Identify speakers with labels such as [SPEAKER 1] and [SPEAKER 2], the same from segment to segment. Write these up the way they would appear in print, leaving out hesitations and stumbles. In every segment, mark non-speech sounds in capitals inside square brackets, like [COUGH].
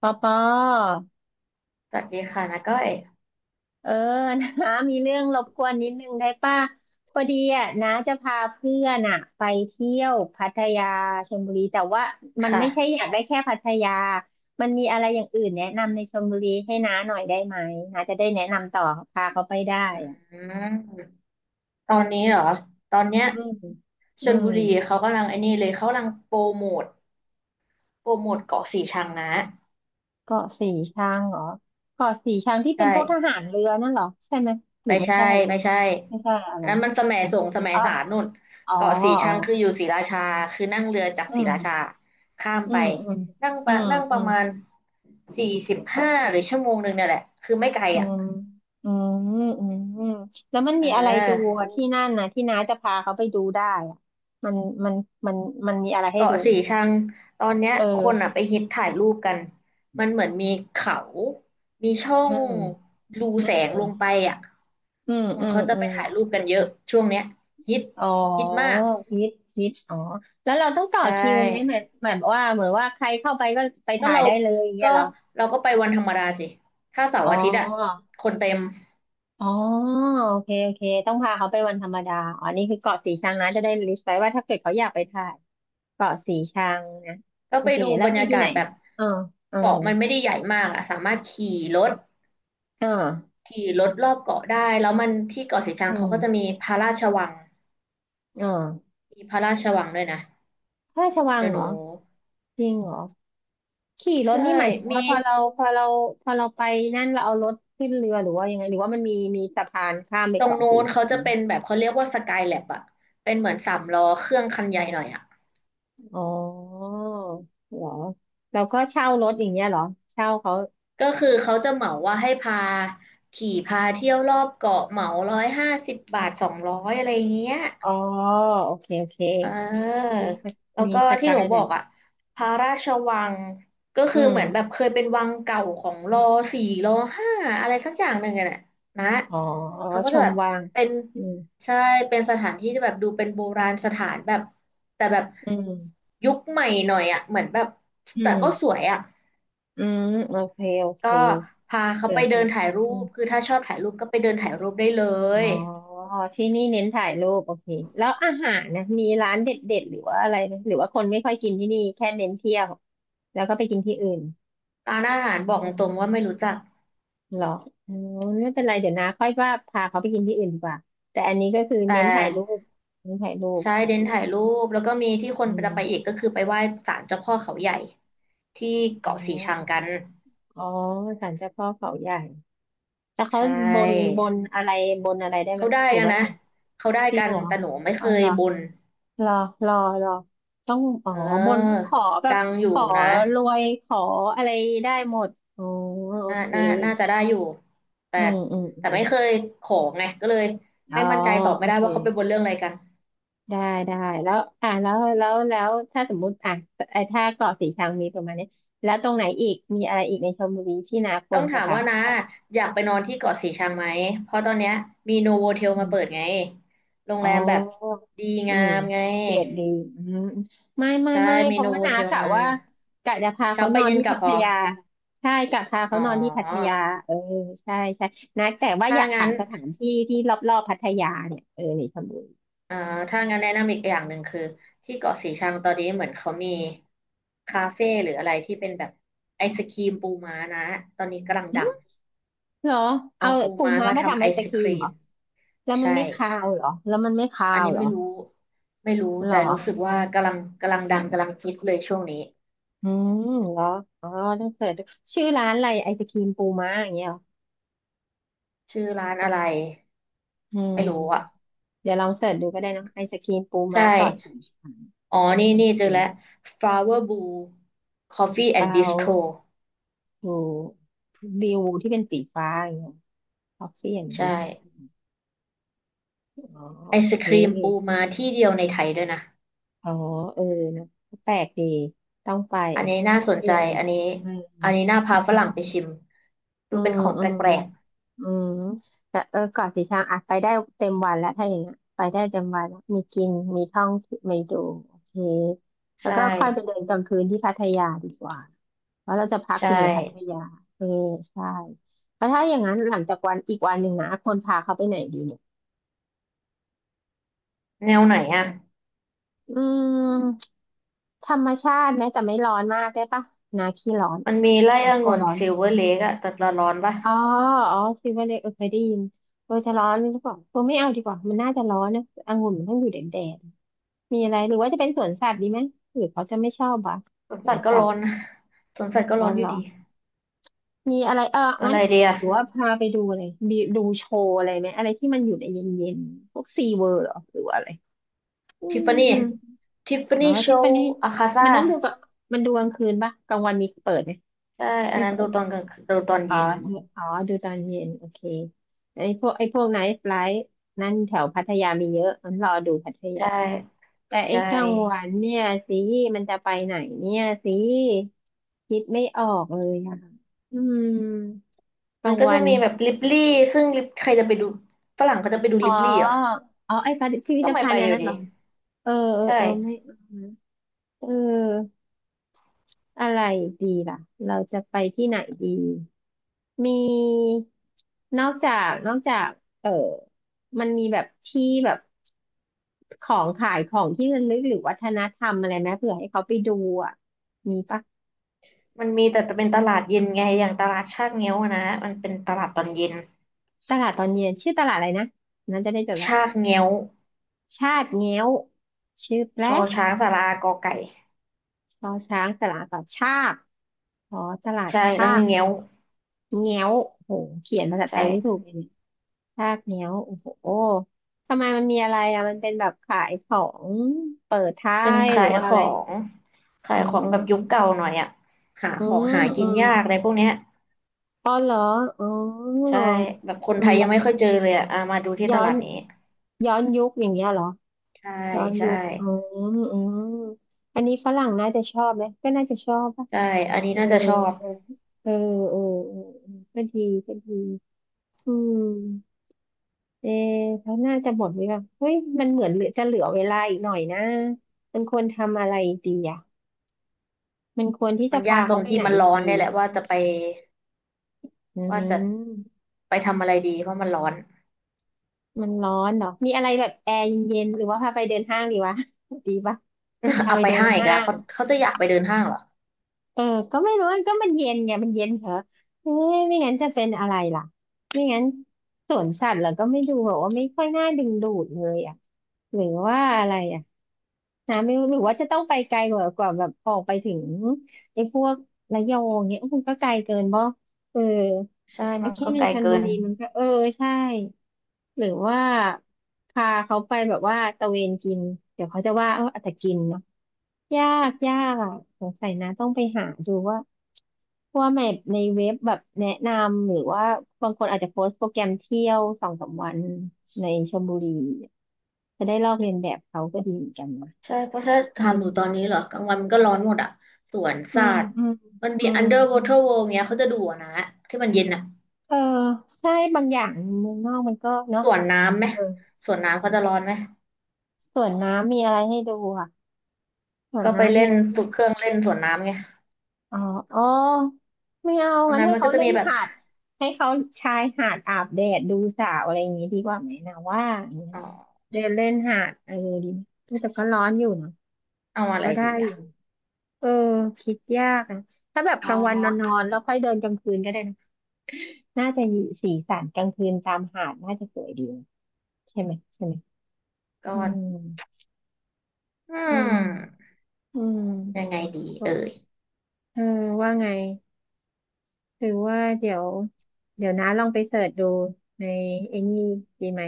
[SPEAKER 1] ปอปอ
[SPEAKER 2] สวัสดีค่ะนาก้อย
[SPEAKER 1] เออ [LAUGHS] นะมีเรื่องรบกวนนิดนึงได้ป่ะพอดีอ่ะนะจะพาเพื่อนอ่ะไปเที่ยวพัทยาชลบุรีแต่ว่ามันไม่ใช่อ
[SPEAKER 2] ค่ะ
[SPEAKER 1] ยากได้แค่พัทยามันมีอะไรอย่างอื่นแนะนำในชลบุรีให้น้าหน่อยได้ไหมนาจะได้แนะนำต่อพาเขาไปได้อ่ะ
[SPEAKER 2] อืมตอนนี้เหรอตอนเนี้ย
[SPEAKER 1] อืม
[SPEAKER 2] ช
[SPEAKER 1] อื
[SPEAKER 2] ล
[SPEAKER 1] ม
[SPEAKER 2] บุรีเขากำลังไอ้นี่เลยเขากำลังโปรโมทโปรโมทเกาะสีชังนะ
[SPEAKER 1] เกาะสีชังเหรอเกาะสีชังที่
[SPEAKER 2] ใ
[SPEAKER 1] เป็นพวกท
[SPEAKER 2] ช่
[SPEAKER 1] หารเรือนั่นเหรอใช่ไหมหรือ
[SPEAKER 2] ไม่
[SPEAKER 1] ไม่
[SPEAKER 2] ใช่
[SPEAKER 1] ใช่
[SPEAKER 2] ไม่ใช่
[SPEAKER 1] ไม่ใช่อะ
[SPEAKER 2] อั
[SPEAKER 1] ไร
[SPEAKER 2] นนั้นมันแสมสงฆ์แสม
[SPEAKER 1] อ
[SPEAKER 2] สารนู่น
[SPEAKER 1] อ๋อ
[SPEAKER 2] เกาะ
[SPEAKER 1] อ๋
[SPEAKER 2] สี
[SPEAKER 1] ออ๋อ
[SPEAKER 2] ชังคืออยู่ศรีราชาคือนั่งเรือจาก
[SPEAKER 1] อื
[SPEAKER 2] ศรีราชา
[SPEAKER 1] ม
[SPEAKER 2] ข้าม
[SPEAKER 1] อื
[SPEAKER 2] ไป
[SPEAKER 1] มอืม
[SPEAKER 2] นั่ง
[SPEAKER 1] อื
[SPEAKER 2] ปะ
[SPEAKER 1] ม
[SPEAKER 2] นั่งป
[SPEAKER 1] อื
[SPEAKER 2] ระ
[SPEAKER 1] ม
[SPEAKER 2] มาณ45หรือชั่วโมงหนึ่งเนี่ยแหละคือไม่ไกล
[SPEAKER 1] อื
[SPEAKER 2] อ่ะ
[SPEAKER 1] มอืมอืมอืมแล้วมัน
[SPEAKER 2] เอ
[SPEAKER 1] มีอะไรดู
[SPEAKER 2] อ
[SPEAKER 1] อะที่นั่นนะที่น้าจะพาเขาไปดูได้อะมันมันมันมันมีอะไรให้
[SPEAKER 2] เกาะ
[SPEAKER 1] ดู
[SPEAKER 2] สีชังตอนเนี้ย
[SPEAKER 1] เอ
[SPEAKER 2] คนอ่ะ
[SPEAKER 1] อ
[SPEAKER 2] ไปฮิตถ่ายรูปกันมันเหมือนมีเขา มีช่อ
[SPEAKER 1] อื
[SPEAKER 2] ง
[SPEAKER 1] มอื
[SPEAKER 2] รูแสงลงไปอ่ะ
[SPEAKER 1] มอืม
[SPEAKER 2] คน
[SPEAKER 1] อื
[SPEAKER 2] เขาจะไป
[SPEAKER 1] ม
[SPEAKER 2] ถ่ายรูปกันเยอะช่วงเนี้ยฮิต
[SPEAKER 1] อ๋อ
[SPEAKER 2] ฮิตมาก
[SPEAKER 1] ฮิตฮิตอ๋อแล้วเราต้องต่อ
[SPEAKER 2] ใช
[SPEAKER 1] คิวไหมเหมื
[SPEAKER 2] ่
[SPEAKER 1] อนเหมือนว่าเหมือนว่าใครเข้าไปก็ไป
[SPEAKER 2] ก็
[SPEAKER 1] ถ่าย
[SPEAKER 2] เรา
[SPEAKER 1] ได้เลยอย่างเงี้
[SPEAKER 2] ก็
[SPEAKER 1] ยเหรอ
[SPEAKER 2] เราก็ไปวันธรรมดาสิถ้าเสา
[SPEAKER 1] อ๋อ
[SPEAKER 2] ร์อาทิตย์อ่ะคนเต็ม
[SPEAKER 1] อ๋อโอเคโอเคต้องพาเขาไปวันธรรมดาอ๋อนี่คือเกาะสีชังนะจะได้ลิสต์ไว้ว่าถ้าเกิดเขาอยากไปถ่ายเกาะสีชังนะ
[SPEAKER 2] ก็
[SPEAKER 1] โอ
[SPEAKER 2] ไป
[SPEAKER 1] เค
[SPEAKER 2] ดู
[SPEAKER 1] แล้
[SPEAKER 2] บ
[SPEAKER 1] ว
[SPEAKER 2] รร
[SPEAKER 1] มี
[SPEAKER 2] ยา
[SPEAKER 1] ที่
[SPEAKER 2] กา
[SPEAKER 1] ไหน
[SPEAKER 2] ศแบบ
[SPEAKER 1] อ๋าอ๋า
[SPEAKER 2] เกาะมันไม่ได้ใหญ่มากอ่ะสามารถขี่รถ
[SPEAKER 1] อ่า
[SPEAKER 2] ขี่รถรอบเกาะได้แล้วมันที่เกาะสีชั
[SPEAKER 1] อื
[SPEAKER 2] งเขา
[SPEAKER 1] ม
[SPEAKER 2] ก็จะมีพระราชวัง
[SPEAKER 1] อ๋อ
[SPEAKER 2] มีพระราชวังด้วยนะ
[SPEAKER 1] พระราชวัง
[SPEAKER 2] เดี๋ยว
[SPEAKER 1] เห
[SPEAKER 2] ห
[SPEAKER 1] ร
[SPEAKER 2] นู
[SPEAKER 1] อจริงเหรอขี่รถ
[SPEAKER 2] ใช่
[SPEAKER 1] นี่หมายถึง
[SPEAKER 2] มี
[SPEAKER 1] ว่าพอเราไปนั่นเราเอารถขึ้นเรือหรือว่ายังไงหรือว่ามันมีสะพานข้ามไป
[SPEAKER 2] ตรง
[SPEAKER 1] เกาะ
[SPEAKER 2] นู้
[SPEAKER 1] สี
[SPEAKER 2] น
[SPEAKER 1] ชั
[SPEAKER 2] เขา
[SPEAKER 1] ง
[SPEAKER 2] จะเป็นแบบเขาเรียกว่าสกายแลบอะเป็นเหมือนสามล้อเครื่องคันใหญ่หน่อยอะ
[SPEAKER 1] อ๋อเหรอเราก็เช่ารถอย่างเงี้ยเหรอเช่าเขา
[SPEAKER 2] ก็คือเขาจะเหมาว่าให้พาขี่พาเที่ยวรอบเกาะเหมา150 บาท200อะไรเงี้ย
[SPEAKER 1] อ๋อโอเคโอเค
[SPEAKER 2] อ่า
[SPEAKER 1] มีส
[SPEAKER 2] แล้ว
[SPEAKER 1] มี
[SPEAKER 2] ก็
[SPEAKER 1] ส
[SPEAKER 2] ที่
[SPEAKER 1] กา
[SPEAKER 2] หนู
[SPEAKER 1] ย
[SPEAKER 2] บ
[SPEAKER 1] แล็
[SPEAKER 2] อก
[SPEAKER 1] บ
[SPEAKER 2] อ่ะพระราชวังก็
[SPEAKER 1] อื
[SPEAKER 2] คือ
[SPEAKER 1] ม
[SPEAKER 2] เหมือนแบบเคยเป็นวังเก่าของรอสี่รอห้าอะไรสักอย่างหนึ่งอะน่ะนะ
[SPEAKER 1] อ๋ออ๋อ
[SPEAKER 2] เขาก็
[SPEAKER 1] ช
[SPEAKER 2] จะ
[SPEAKER 1] ม
[SPEAKER 2] แบบ
[SPEAKER 1] วาง
[SPEAKER 2] เป็น
[SPEAKER 1] อืม
[SPEAKER 2] ใช่เป็นสถานที่ที่แบบดูเป็นโบราณสถานแบบแต่แบบ
[SPEAKER 1] อืม
[SPEAKER 2] ยุคใหม่หน่อยอ่ะเหมือนแบบ
[SPEAKER 1] อื
[SPEAKER 2] แต่ก็สว
[SPEAKER 1] ม
[SPEAKER 2] ยอ่ะ
[SPEAKER 1] อืมโอเคโอเค
[SPEAKER 2] ก็พาเขา
[SPEAKER 1] เผื่
[SPEAKER 2] ไป
[SPEAKER 1] อไป
[SPEAKER 2] เดินถ่ายรู
[SPEAKER 1] อืม
[SPEAKER 2] ปคือถ้าชอบถ่ายรูปก็ไปเดินถ่ายรูปได้เล
[SPEAKER 1] อ๋อ
[SPEAKER 2] ย
[SPEAKER 1] ที่นี่เน้นถ่ายรูปโอเคแล้วอาหารนะมีร้านเด็ดๆหรือว่าอะไรไหมหรือว่าคนไม่ค่อยกินที่นี่แค่เน้นเที่ยวแล้วก็ไปกินที่อื่น
[SPEAKER 2] ร้านอาหารบอกตรงๆว่าไม่รู้จัก
[SPEAKER 1] หรออ๋อไม่เป็นไรเดี๋ยวนะค่อยว่าพาเขาไปกินที่อื่นดีกว่าแต่อันนี้ก็คือ
[SPEAKER 2] แต่
[SPEAKER 1] เน้นถ่ายรูปเน้นถ่ายรูป
[SPEAKER 2] ใช่
[SPEAKER 1] โอ
[SPEAKER 2] เดิ
[SPEAKER 1] เค
[SPEAKER 2] นถ่ายรูปแล้วก็มีที่คน
[SPEAKER 1] อื
[SPEAKER 2] จะ
[SPEAKER 1] ม
[SPEAKER 2] ไปอีกก็คือไปไหว้ศาลเจ้าพ่อเขาใหญ่ที่เกาะ
[SPEAKER 1] อ๋
[SPEAKER 2] สีชัง
[SPEAKER 1] อ
[SPEAKER 2] กัน
[SPEAKER 1] อ๋อศาลเจ้าพ่อเขาใหญ่แล้ว
[SPEAKER 2] ใช
[SPEAKER 1] เขาบน
[SPEAKER 2] ่
[SPEAKER 1] บนอะไรบนอะไรได้ไหม
[SPEAKER 2] เขาได้
[SPEAKER 1] หรือ
[SPEAKER 2] กัน
[SPEAKER 1] ว่า
[SPEAKER 2] นะ
[SPEAKER 1] ไง
[SPEAKER 2] เขาได้
[SPEAKER 1] จริง
[SPEAKER 2] กัน
[SPEAKER 1] เหรอ
[SPEAKER 2] แต่หนูไม่
[SPEAKER 1] อ๋
[SPEAKER 2] เค
[SPEAKER 1] อเห
[SPEAKER 2] ย
[SPEAKER 1] รอ
[SPEAKER 2] บุญ
[SPEAKER 1] รอรอรอต้องอ๋อ
[SPEAKER 2] เ
[SPEAKER 1] บนพวกข
[SPEAKER 2] ออ
[SPEAKER 1] อแบ
[SPEAKER 2] ดั
[SPEAKER 1] บ
[SPEAKER 2] งอ
[SPEAKER 1] ข
[SPEAKER 2] ยู่
[SPEAKER 1] อ
[SPEAKER 2] นะ
[SPEAKER 1] รวยขออะไรได้หมดอ๋อโอ
[SPEAKER 2] น่า
[SPEAKER 1] เค
[SPEAKER 2] น่าน่าจะได้อยู่แต่
[SPEAKER 1] อืมอืมอื
[SPEAKER 2] แต่
[SPEAKER 1] ม
[SPEAKER 2] ไม่เคยขอไงก็เลย
[SPEAKER 1] อ๋อ
[SPEAKER 2] ไม่มั่นใจตอบ
[SPEAKER 1] โอ
[SPEAKER 2] ไม่ได้
[SPEAKER 1] เค
[SPEAKER 2] ว่าเขาไปบนเรื่องอะไรกัน
[SPEAKER 1] ได้ได้แล้วอ่ะแล้วถ้าสมมุติอ่ะไอ้ถ้าเกาะสีชังมีประมาณนี้แล้วตรงไหนอีกมีอะไรอีกในชลบุรีที่น้าค
[SPEAKER 2] ต้
[SPEAKER 1] ว
[SPEAKER 2] อ
[SPEAKER 1] ร
[SPEAKER 2] ง
[SPEAKER 1] จะ
[SPEAKER 2] ถาม
[SPEAKER 1] พา
[SPEAKER 2] ว่า
[SPEAKER 1] เขา
[SPEAKER 2] นะ
[SPEAKER 1] ไป
[SPEAKER 2] อยากไปนอนที่เกาะสีชังไหมเพราะตอนเนี้ยมีโนโวเทล
[SPEAKER 1] อื
[SPEAKER 2] มาเปิดไง
[SPEAKER 1] ม
[SPEAKER 2] โรง
[SPEAKER 1] อ๋อ
[SPEAKER 2] แรมแบบดี
[SPEAKER 1] อื
[SPEAKER 2] งา
[SPEAKER 1] ม
[SPEAKER 2] มไง
[SPEAKER 1] เกรดดีอืมไม่ไม่
[SPEAKER 2] ใช่
[SPEAKER 1] ไม่
[SPEAKER 2] มี
[SPEAKER 1] เพ
[SPEAKER 2] โน
[SPEAKER 1] ราะว่า
[SPEAKER 2] โว
[SPEAKER 1] นะ
[SPEAKER 2] เทล
[SPEAKER 1] กะ
[SPEAKER 2] มา
[SPEAKER 1] ว่ากะจะพา
[SPEAKER 2] เช้า
[SPEAKER 1] เขาน
[SPEAKER 2] ไป
[SPEAKER 1] อน
[SPEAKER 2] เย็น
[SPEAKER 1] ที่
[SPEAKER 2] กลั
[SPEAKER 1] พั
[SPEAKER 2] บ
[SPEAKER 1] ท
[SPEAKER 2] พอ
[SPEAKER 1] ยา ใช่กะพาเขา
[SPEAKER 2] อ๋อ
[SPEAKER 1] นอนที่พัทยาเออใช่ใช่นะแต่ว่าอ
[SPEAKER 2] ถ้า
[SPEAKER 1] ยากหา
[SPEAKER 2] งั้น
[SPEAKER 1] สถานที่ที่รอบพัทยาเนี่ยเออในชลบุรี
[SPEAKER 2] เอ่อถ้างั้นแนะนำอีกอย่างหนึ่งคือที่เกาะสีชังตอนนี้เหมือนเขามีคาเฟ่หรืออะไรที่เป็นแบบไอศครีมปูม้านะตอนนี้กำลังดัง
[SPEAKER 1] หึเหรอเอา
[SPEAKER 2] เอาปู
[SPEAKER 1] ปู
[SPEAKER 2] ม้า
[SPEAKER 1] ม้า
[SPEAKER 2] มา
[SPEAKER 1] มา
[SPEAKER 2] ทำ
[SPEAKER 1] ทำ
[SPEAKER 2] ไอ
[SPEAKER 1] ไอศ
[SPEAKER 2] ศ
[SPEAKER 1] กรี
[SPEAKER 2] ค
[SPEAKER 1] ม
[SPEAKER 2] รี
[SPEAKER 1] เหรอ
[SPEAKER 2] ม
[SPEAKER 1] แล้วมั
[SPEAKER 2] ใช่
[SPEAKER 1] นไม่คาวเหรอแล้วมันไม่คา
[SPEAKER 2] อัน
[SPEAKER 1] ว
[SPEAKER 2] นี้
[SPEAKER 1] เหรอ
[SPEAKER 2] ไม่รู้ไม่รู้
[SPEAKER 1] เหรอ
[SPEAKER 2] แต่รู้สึกว่ากำลังกำลังดังกำลังฮิตเลยช่วงนี้
[SPEAKER 1] อืมเหรออ๋อต้องเสิร์ชดูชื่อร้านอะไรไอศกรีมปูม้าอย่างเงี้ยเหรอ
[SPEAKER 2] ชื่อร้านอะไร
[SPEAKER 1] อื
[SPEAKER 2] ไม่รู้อ่ะ
[SPEAKER 1] มเดี๋ยวลองเสิร์ชดูก็ได้เนอะไอศกรีมปู
[SPEAKER 2] ใช่
[SPEAKER 1] ม้าเกาะสีชัง
[SPEAKER 2] อ๋อ
[SPEAKER 1] โอ
[SPEAKER 2] นี่นี่
[SPEAKER 1] เค
[SPEAKER 2] เจอแล้ว Flower Boo Coffee
[SPEAKER 1] เป
[SPEAKER 2] and
[SPEAKER 1] ล่า
[SPEAKER 2] Bistro
[SPEAKER 1] ถูวิวที่เป็นสีฟ้าอย่างเงี้ย Coffee and
[SPEAKER 2] ใช่
[SPEAKER 1] Bistro อ๋อ
[SPEAKER 2] ไอ
[SPEAKER 1] โอ
[SPEAKER 2] ศ
[SPEAKER 1] เค
[SPEAKER 2] ครีมปูมาที่เดียวในไทยด้วยนะ
[SPEAKER 1] อ๋อเออนะแปลกดีต้องไป
[SPEAKER 2] อัน
[SPEAKER 1] อ่ะ
[SPEAKER 2] นี้น่าสน
[SPEAKER 1] อ
[SPEAKER 2] ใจ
[SPEAKER 1] ย่าง
[SPEAKER 2] อันนี้
[SPEAKER 1] นออืม
[SPEAKER 2] อันนี้น่า
[SPEAKER 1] อื
[SPEAKER 2] พาฝ
[SPEAKER 1] ม
[SPEAKER 2] รั่งไปชิม
[SPEAKER 1] อื
[SPEAKER 2] ดูเป็น
[SPEAKER 1] ม
[SPEAKER 2] ของ
[SPEAKER 1] อื
[SPEAKER 2] แป
[SPEAKER 1] ม
[SPEAKER 2] ลก
[SPEAKER 1] อืมแต่เออเกาะสีชังอ่ะไปได้เต็มวันแล้วถ้าอย่างเงี้ยไปได้เต็มวันแล้วมีกินมีท่องมีดูโอเค
[SPEAKER 2] ๆ
[SPEAKER 1] แล้ว
[SPEAKER 2] ใช่
[SPEAKER 1] ก็ค่อยไปเดินกลางคืนที่พัทยาดีกว่าเพราะเราจะพักอ
[SPEAKER 2] ใช่
[SPEAKER 1] ยู่ในพัทยาเออใช่แล้วถ้าอย่างนั้นหลังจากวันอีกวันหนึ่งนะควรพาเขาไปไหนดีเนี่ย
[SPEAKER 2] แนวไหนอ่ะ
[SPEAKER 1] อืมธรรมชาติแม้แต่ไม่ร้อนมากได้ปะนาขี้ร้อน
[SPEAKER 2] มันมีไร่
[SPEAKER 1] นา
[SPEAKER 2] อ
[SPEAKER 1] โกลัว
[SPEAKER 2] งุ่น
[SPEAKER 1] ร้อน
[SPEAKER 2] ซิลเวอร์เลกอะแต่ละร้อนปะ
[SPEAKER 1] อ๋ออ๋อซิลเวอร์เลยเออเคยได้ยินเออจะร้อนหรือเปล่าตัวไม่เอาดีกว่ามันน่าจะร้อนนะองุ่นมันต้องอยู่แดด มีอะไรหรือว่าจะเป็นสวนสัตว์ดีไหมหรือเขาจะไม่ชอบอ่ะ
[SPEAKER 2] สวน
[SPEAKER 1] สว
[SPEAKER 2] สั
[SPEAKER 1] น
[SPEAKER 2] ตว์ก็
[SPEAKER 1] สัต
[SPEAKER 2] ร้อ
[SPEAKER 1] ว์
[SPEAKER 2] นนะสวนสัตว์ก็
[SPEAKER 1] อ๋อ
[SPEAKER 2] ร้อนอ
[SPEAKER 1] เหร
[SPEAKER 2] ยู่
[SPEAKER 1] อ
[SPEAKER 2] ดี
[SPEAKER 1] มีอะไร
[SPEAKER 2] อะ
[SPEAKER 1] งั้น
[SPEAKER 2] ไรเดีย
[SPEAKER 1] หรือว่าพาไปดูอะไรดีดูโชว์อะไรไหมอะไรที่มันอยู่ในเย็นๆพวกซีเวิร์เหรอหรือว่าอะไรอื
[SPEAKER 2] ทิฟฟา
[SPEAKER 1] ม
[SPEAKER 2] นี่ทิฟฟา
[SPEAKER 1] อ๋อ
[SPEAKER 2] นี่โช
[SPEAKER 1] ที่ปา
[SPEAKER 2] ว์
[SPEAKER 1] นี่
[SPEAKER 2] อาคา
[SPEAKER 1] มั
[SPEAKER 2] ซ่า
[SPEAKER 1] นนั่งดูกับมันดูกลางคืนปะกลางวันมีเปิดไหม
[SPEAKER 2] ใช่ อัน
[SPEAKER 1] ไม่
[SPEAKER 2] นั้น
[SPEAKER 1] เปิ
[SPEAKER 2] ดู
[SPEAKER 1] ด
[SPEAKER 2] ตอนกลางดูตอน
[SPEAKER 1] อ๋อ
[SPEAKER 2] เย็น
[SPEAKER 1] อ๋อดูตอนเย็นโอเคไอ้พวกไนท์ไลฟ์นั่นแถวพัทยามีเยอะงั้นรอดูพัท
[SPEAKER 2] ใช
[SPEAKER 1] ยา
[SPEAKER 2] ่
[SPEAKER 1] แต่ไอ้
[SPEAKER 2] ใช
[SPEAKER 1] กลางวั
[SPEAKER 2] ่
[SPEAKER 1] นเนี่ยสิมันจะไปไหนเนี่ยสิคิดไม่ออกเลยอะอืมก
[SPEAKER 2] มั
[SPEAKER 1] ลา
[SPEAKER 2] น
[SPEAKER 1] ง
[SPEAKER 2] ก็
[SPEAKER 1] วั
[SPEAKER 2] จะ
[SPEAKER 1] น
[SPEAKER 2] มีแบบลิปลี่ซึ่งลิปใครจะไปดูฝรั่งก็จะไปดู
[SPEAKER 1] อ๋อ
[SPEAKER 2] ลิปลี่เหรอ
[SPEAKER 1] อ๋อไอ้พิพิ
[SPEAKER 2] ก็
[SPEAKER 1] ธ
[SPEAKER 2] ไม่
[SPEAKER 1] ภั
[SPEAKER 2] ไป
[SPEAKER 1] ณฑ์อั
[SPEAKER 2] อ
[SPEAKER 1] น
[SPEAKER 2] ยู่
[SPEAKER 1] นั้น
[SPEAKER 2] ดี
[SPEAKER 1] เหรอเออเออ
[SPEAKER 2] ใช่
[SPEAKER 1] เออไม่เอานะเอออะไรดีล่ะเราจะไปที่ไหนดีมีนอกจากเออมันมีแบบที่แบบของขายของที่ระลึกหรือวัฒนธรรมอะไรไหมเผื่อให้เขาไปดูอ่ะมีปะ
[SPEAKER 2] มันมีแต่จะเป็นตลาดเย็นไงอย่างตลาดชากเงี้ยวอะนะมันเป็นตลาดตอนเย็น
[SPEAKER 1] ตลาดตอนเย็นชื่อตลาดอะไรนะ นั้นจะได้จดไว้
[SPEAKER 2] ชากเงี้ยว
[SPEAKER 1] ชาติเงี้ยวชื่อแปล
[SPEAKER 2] ชอ
[SPEAKER 1] ก
[SPEAKER 2] ช้างสารากอไก่
[SPEAKER 1] ชอช้างตลาดก่อชากอ๋อตลาด
[SPEAKER 2] ใช่แล้
[SPEAKER 1] ชา
[SPEAKER 2] ว
[SPEAKER 1] ก
[SPEAKER 2] เงี้ยว
[SPEAKER 1] เงี้ยวโหเขียนภาษาไท
[SPEAKER 2] ใช่
[SPEAKER 1] ยไม่ถูกเลยเนี่ยชากเงี้ยวโอ้โหทำไมมันมีอะไรอ่ะมันเป็นแบบขายของเปิดท้า
[SPEAKER 2] เป็น
[SPEAKER 1] ยหรื
[SPEAKER 2] ขา
[SPEAKER 1] อ
[SPEAKER 2] ย
[SPEAKER 1] ว่า
[SPEAKER 2] ข
[SPEAKER 1] อะไร
[SPEAKER 2] องขา
[SPEAKER 1] อ๋
[SPEAKER 2] ยของแบบยุค
[SPEAKER 1] อ
[SPEAKER 2] เก่าหน่อยอะหา
[SPEAKER 1] อื
[SPEAKER 2] ของ
[SPEAKER 1] ม
[SPEAKER 2] หากิ
[SPEAKER 1] อื
[SPEAKER 2] น
[SPEAKER 1] ม
[SPEAKER 2] ยากอะไรพวกเนี้ย
[SPEAKER 1] อ๋อเหรออ๋อ
[SPEAKER 2] ใช่แบบคน
[SPEAKER 1] อื
[SPEAKER 2] ไท
[SPEAKER 1] ม
[SPEAKER 2] ย
[SPEAKER 1] แบ
[SPEAKER 2] ยังไม่
[SPEAKER 1] บ
[SPEAKER 2] ค่อยเจอเลยอะอ่ะมาดูที่
[SPEAKER 1] ย้
[SPEAKER 2] ต
[SPEAKER 1] อ
[SPEAKER 2] ลา
[SPEAKER 1] น
[SPEAKER 2] ดนี้
[SPEAKER 1] ย้อนยุคอย่างเงี้ยเหรอ
[SPEAKER 2] ใช่
[SPEAKER 1] ย้อนยุ
[SPEAKER 2] ใช่
[SPEAKER 1] คอืมอันนี้ฝรั่งน่าจะชอบไหมก็น่าจะชอบป่ะ
[SPEAKER 2] ใช่อันนี้
[SPEAKER 1] เออ
[SPEAKER 2] น่าจะชอบ
[SPEAKER 1] เออเออเออเออเออก็ดีก็ดีอืมเออเขาน่าจะหมดไหมล่ะเฮ้ยมันเหมือนเหลือจะเหลือเวลาอีกหน่อยนะมันควรทำอะไรดีอ่ะมันควรที่
[SPEAKER 2] มั
[SPEAKER 1] จะ
[SPEAKER 2] นยา
[SPEAKER 1] พา
[SPEAKER 2] กตร
[SPEAKER 1] เขา
[SPEAKER 2] ง
[SPEAKER 1] ไป
[SPEAKER 2] ที่
[SPEAKER 1] ไหน
[SPEAKER 2] มันร้อน
[SPEAKER 1] ที
[SPEAKER 2] เนี่ยแหละว่าจะไป
[SPEAKER 1] อื
[SPEAKER 2] ว่าจะ
[SPEAKER 1] ม
[SPEAKER 2] ไปทำอะไรดีเพราะมันร้อน
[SPEAKER 1] มันร้อนเหรอ มีอะไรแบบแอร์เย็นๆหรือว่าพาไปเดินห้างดีวะดีปะ
[SPEAKER 2] [LAUGHS]
[SPEAKER 1] พา
[SPEAKER 2] เอา
[SPEAKER 1] ไป
[SPEAKER 2] ไป
[SPEAKER 1] เดิน
[SPEAKER 2] ห้างอีก
[SPEAKER 1] ห้า
[SPEAKER 2] แล้ว
[SPEAKER 1] ง
[SPEAKER 2] เขาเขาจะอยากไปเดินห้างเหรอ
[SPEAKER 1] เออก็ไม่รู้ก็มันเย็นไง มันเย็นเหรอเอ้ยไม่งั้นจะเป็นอะไรล่ะไม่งั้นสวนสัตว์เหรอก็ไม่ดูแบบว่าไม่ค่อยน่าดึงดูดเลยอ่ะหรือว่าอะไรอ่ะนะไม่รู้หรือว่าจะต้องไปไกลกว่าแบบออกไปถึงไอ้พวกระยองเนี้ยมันก็ไกลเกินบ่ เออ
[SPEAKER 2] ใช่
[SPEAKER 1] เอา
[SPEAKER 2] มัน
[SPEAKER 1] แค่
[SPEAKER 2] ก็
[SPEAKER 1] ใน
[SPEAKER 2] ไกล
[SPEAKER 1] ชล
[SPEAKER 2] เกิ
[SPEAKER 1] บุ
[SPEAKER 2] น
[SPEAKER 1] รีมันก็เออใช่ หรือว่าพาเขาไปแบบว่าตะเวนกิน เดี๋ยวเขาจะว่าเอออาจจะกินเนาะยากอ่ะสงสัยนะต้องไปหาดูว่าแมพในเว็บแบบแนะนำหรือว่าบางคนอาจจะโพสต์โปรแกรมเที่ยวสองสามวันในชลบุรี จะได้ลอกเลียนแบบเขาก็ดีเหมือนกันนะ
[SPEAKER 2] ใช่เพราะถ้า
[SPEAKER 1] ดี
[SPEAKER 2] ทำ
[SPEAKER 1] ไห
[SPEAKER 2] อ
[SPEAKER 1] ม
[SPEAKER 2] ยู่ตอนนี้เหรอกลางวันมันก็ร้อนหมดอ่ะสวน
[SPEAKER 1] อื
[SPEAKER 2] สั
[SPEAKER 1] ม
[SPEAKER 2] ตว์
[SPEAKER 1] อืม
[SPEAKER 2] มัน
[SPEAKER 1] อื
[SPEAKER 2] มี
[SPEAKER 1] มอืม
[SPEAKER 2] Underwater World เงี้ยเขาจะดูอะนะที่มันเย็นอ่ะ
[SPEAKER 1] เออ ใช่บางอย่างเมืองนอกมันก็เนาะ
[SPEAKER 2] สวนน้ำไหมสวนน้ำเขาจะร้อนไหม
[SPEAKER 1] สวนน้ำมีอะไรให้ดูอ่ะสวน
[SPEAKER 2] ก็ไป
[SPEAKER 1] น้ำ
[SPEAKER 2] เล่
[SPEAKER 1] มี
[SPEAKER 2] น
[SPEAKER 1] อะไร
[SPEAKER 2] สุดเครื่องเล่นสวนน้ำไง
[SPEAKER 1] อ๋ออ๋อไม่เอา
[SPEAKER 2] ตรง
[SPEAKER 1] งั้น
[SPEAKER 2] นั้น
[SPEAKER 1] ให้
[SPEAKER 2] มัน
[SPEAKER 1] เขา
[SPEAKER 2] ก็จะ
[SPEAKER 1] เล่
[SPEAKER 2] มี
[SPEAKER 1] น
[SPEAKER 2] แบบ
[SPEAKER 1] หาดให้เขาชายหาดอาบแดดดูสาวอะไรอย่างงี้ดีกว่าไหมนะว่าอย่างเงี้ย
[SPEAKER 2] อ๋อ
[SPEAKER 1] เดินเล่นหาดเออดีไหมแต่ก็ร้อนอยู่นะ
[SPEAKER 2] เอาอะไร
[SPEAKER 1] ก็ได้
[SPEAKER 2] ดี
[SPEAKER 1] อ
[SPEAKER 2] อ่ะ
[SPEAKER 1] ยู่เออคิดยากนะถ้าแบบกลางวันนอนๆแล้วค่อยเดินกลางคืนก็ได้นะน่าจะอยู่สีสันกลางคืนตามหาดน่าจะสวยดีนะใช่ไหมใช่ไหม
[SPEAKER 2] ก็
[SPEAKER 1] อืม
[SPEAKER 2] อื
[SPEAKER 1] อืม
[SPEAKER 2] ม
[SPEAKER 1] อืม
[SPEAKER 2] ยังไงดีเอ่ย
[SPEAKER 1] เออว่าไง ถือว่าเดี๋ยวเดี๋ยวนะลองไปเสิร์ชดูในไอ้นี่ดีไหม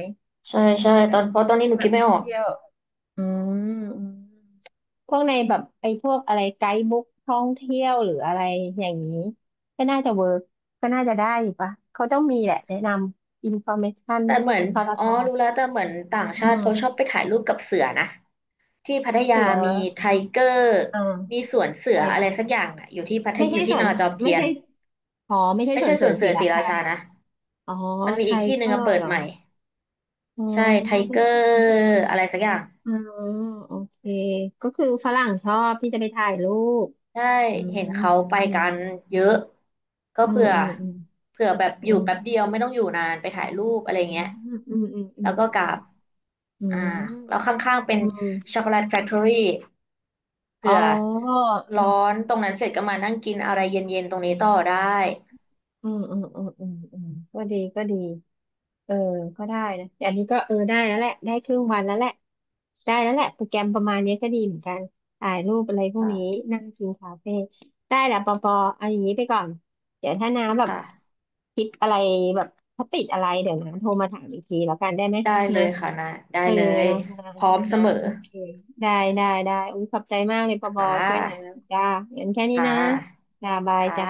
[SPEAKER 2] ใช่ใช่
[SPEAKER 1] แบ
[SPEAKER 2] ตอ
[SPEAKER 1] บ
[SPEAKER 2] นเพราะตอนนี้หนู
[SPEAKER 1] แบ
[SPEAKER 2] คิ
[SPEAKER 1] บ
[SPEAKER 2] ดไม่
[SPEAKER 1] ท่อ
[SPEAKER 2] อ
[SPEAKER 1] ง
[SPEAKER 2] อก
[SPEAKER 1] เที่ยวอืมอืมพวกในแบบไอ้พวกอะไรไกด์บุ๊กท่องเที่ยวหรืออะไรอย่างนี้ก็น่าจะเวิร์กก็น่าจะได้อยู่ปะเขาต้องมีแหละแนะนำอินฟอร์เมชัน
[SPEAKER 2] แต่เหมือน
[SPEAKER 1] ทร
[SPEAKER 2] อ๋อ
[SPEAKER 1] ท
[SPEAKER 2] รู้แล้วแต่เหมือนต่าง
[SPEAKER 1] อื
[SPEAKER 2] ชาติเขาชอบ
[SPEAKER 1] ม
[SPEAKER 2] ไปถ่ายรูปกับเสือนะที่พัทยา
[SPEAKER 1] เสือ
[SPEAKER 2] มีไทเกอร์
[SPEAKER 1] เออ
[SPEAKER 2] มีสวนเสือ
[SPEAKER 1] ใช่
[SPEAKER 2] อะไรสักอย่างอ่ะอยู่ที่พัท
[SPEAKER 1] ไม่
[SPEAKER 2] อ
[SPEAKER 1] ใช่
[SPEAKER 2] ยู่
[SPEAKER 1] ส
[SPEAKER 2] ที่
[SPEAKER 1] ว
[SPEAKER 2] น
[SPEAKER 1] น
[SPEAKER 2] อจอม
[SPEAKER 1] ไม่
[SPEAKER 2] เทียน
[SPEAKER 1] ใช่อ๋อไม่ใช่
[SPEAKER 2] ไม่
[SPEAKER 1] สว
[SPEAKER 2] ใช่
[SPEAKER 1] นเส
[SPEAKER 2] ส
[SPEAKER 1] ริ
[SPEAKER 2] ว
[SPEAKER 1] ม
[SPEAKER 2] น
[SPEAKER 1] ศ
[SPEAKER 2] เสื
[SPEAKER 1] รี
[SPEAKER 2] อศ
[SPEAKER 1] รา
[SPEAKER 2] รีรา
[SPEAKER 1] ชา
[SPEAKER 2] ชา
[SPEAKER 1] นะ
[SPEAKER 2] นะ
[SPEAKER 1] อ๋อ
[SPEAKER 2] มันมี
[SPEAKER 1] ไท
[SPEAKER 2] อีกที่ห
[SPEAKER 1] เก
[SPEAKER 2] นึ่
[SPEAKER 1] อ
[SPEAKER 2] งอะ
[SPEAKER 1] ร์
[SPEAKER 2] เปิ
[SPEAKER 1] เห
[SPEAKER 2] ด
[SPEAKER 1] รอ
[SPEAKER 2] ใหม่
[SPEAKER 1] อ๋อ
[SPEAKER 2] ใช่ไทเกอร์อะไรสักอย่าง
[SPEAKER 1] อ๋อโอเคก็คือฝรั่งชอบที่จะไปถ่ายรูป
[SPEAKER 2] ใช่
[SPEAKER 1] อืม
[SPEAKER 2] เห็นเขาไป
[SPEAKER 1] อืม
[SPEAKER 2] กันเยอะก็
[SPEAKER 1] อืม
[SPEAKER 2] เผื่อ
[SPEAKER 1] อืมอืม
[SPEAKER 2] เผื่อแบบ
[SPEAKER 1] อื
[SPEAKER 2] อยู่
[SPEAKER 1] ม
[SPEAKER 2] แป๊บเดียวไม่ต้องอยู่นานไปถ่ายรูปอะไร
[SPEAKER 1] อื
[SPEAKER 2] เงี้ย
[SPEAKER 1] มอืมอื
[SPEAKER 2] แล้
[SPEAKER 1] ม
[SPEAKER 2] วก็กราฟ
[SPEAKER 1] อื
[SPEAKER 2] อ่า
[SPEAKER 1] มอืม
[SPEAKER 2] แล้วข้างๆเป็น
[SPEAKER 1] อืมอื
[SPEAKER 2] ช็
[SPEAKER 1] ม
[SPEAKER 2] อกโกแลตแฟคทอรี่
[SPEAKER 1] อ๋อ
[SPEAKER 2] เผื่อร้อนตรงนั้นเสร็จก็มานั่งกินอะไรเย็นๆตรงนี้ต่อได้
[SPEAKER 1] อืมอืมอืมอืมอืมก็ดีก็ดีเออก็ได้นะอันนี้ก็เออได้แล้วแหละได้ครึ่งวันแล้วแหละได้แล้วแหละโปรแกรมประมาณนี้ก็ดีเหมือนกันถ่ายรูปอะไรพวก
[SPEAKER 2] ค่ะ
[SPEAKER 1] นี้นั่งกินคาเฟ่ได้แหละปอปอเอาอย่างนี้ไปก่อนเดี๋ยวถ้าน้าแบบ
[SPEAKER 2] ค่ะ
[SPEAKER 1] คิดอะไรแบบถ้าติดอะไรเดี๋ยวนะโทรมาถามอีกทีแล้วกันได้ไหม
[SPEAKER 2] ได้เล
[SPEAKER 1] นะ
[SPEAKER 2] ยค่ะนะได้
[SPEAKER 1] เออ
[SPEAKER 2] เลย
[SPEAKER 1] เนาะนะ
[SPEAKER 2] พร้อม
[SPEAKER 1] นะ
[SPEAKER 2] เส
[SPEAKER 1] นะ
[SPEAKER 2] มอ
[SPEAKER 1] โอเคได้ได้ได้อุ้ยขอบใจมากเลยปอปอ
[SPEAKER 2] ค่
[SPEAKER 1] ช่วยนะ
[SPEAKER 2] ะ
[SPEAKER 1] จ้างั้นแค่นี้
[SPEAKER 2] ค่
[SPEAKER 1] นะ
[SPEAKER 2] ะ
[SPEAKER 1] จ้าบาย
[SPEAKER 2] ค่ะ
[SPEAKER 1] จ้า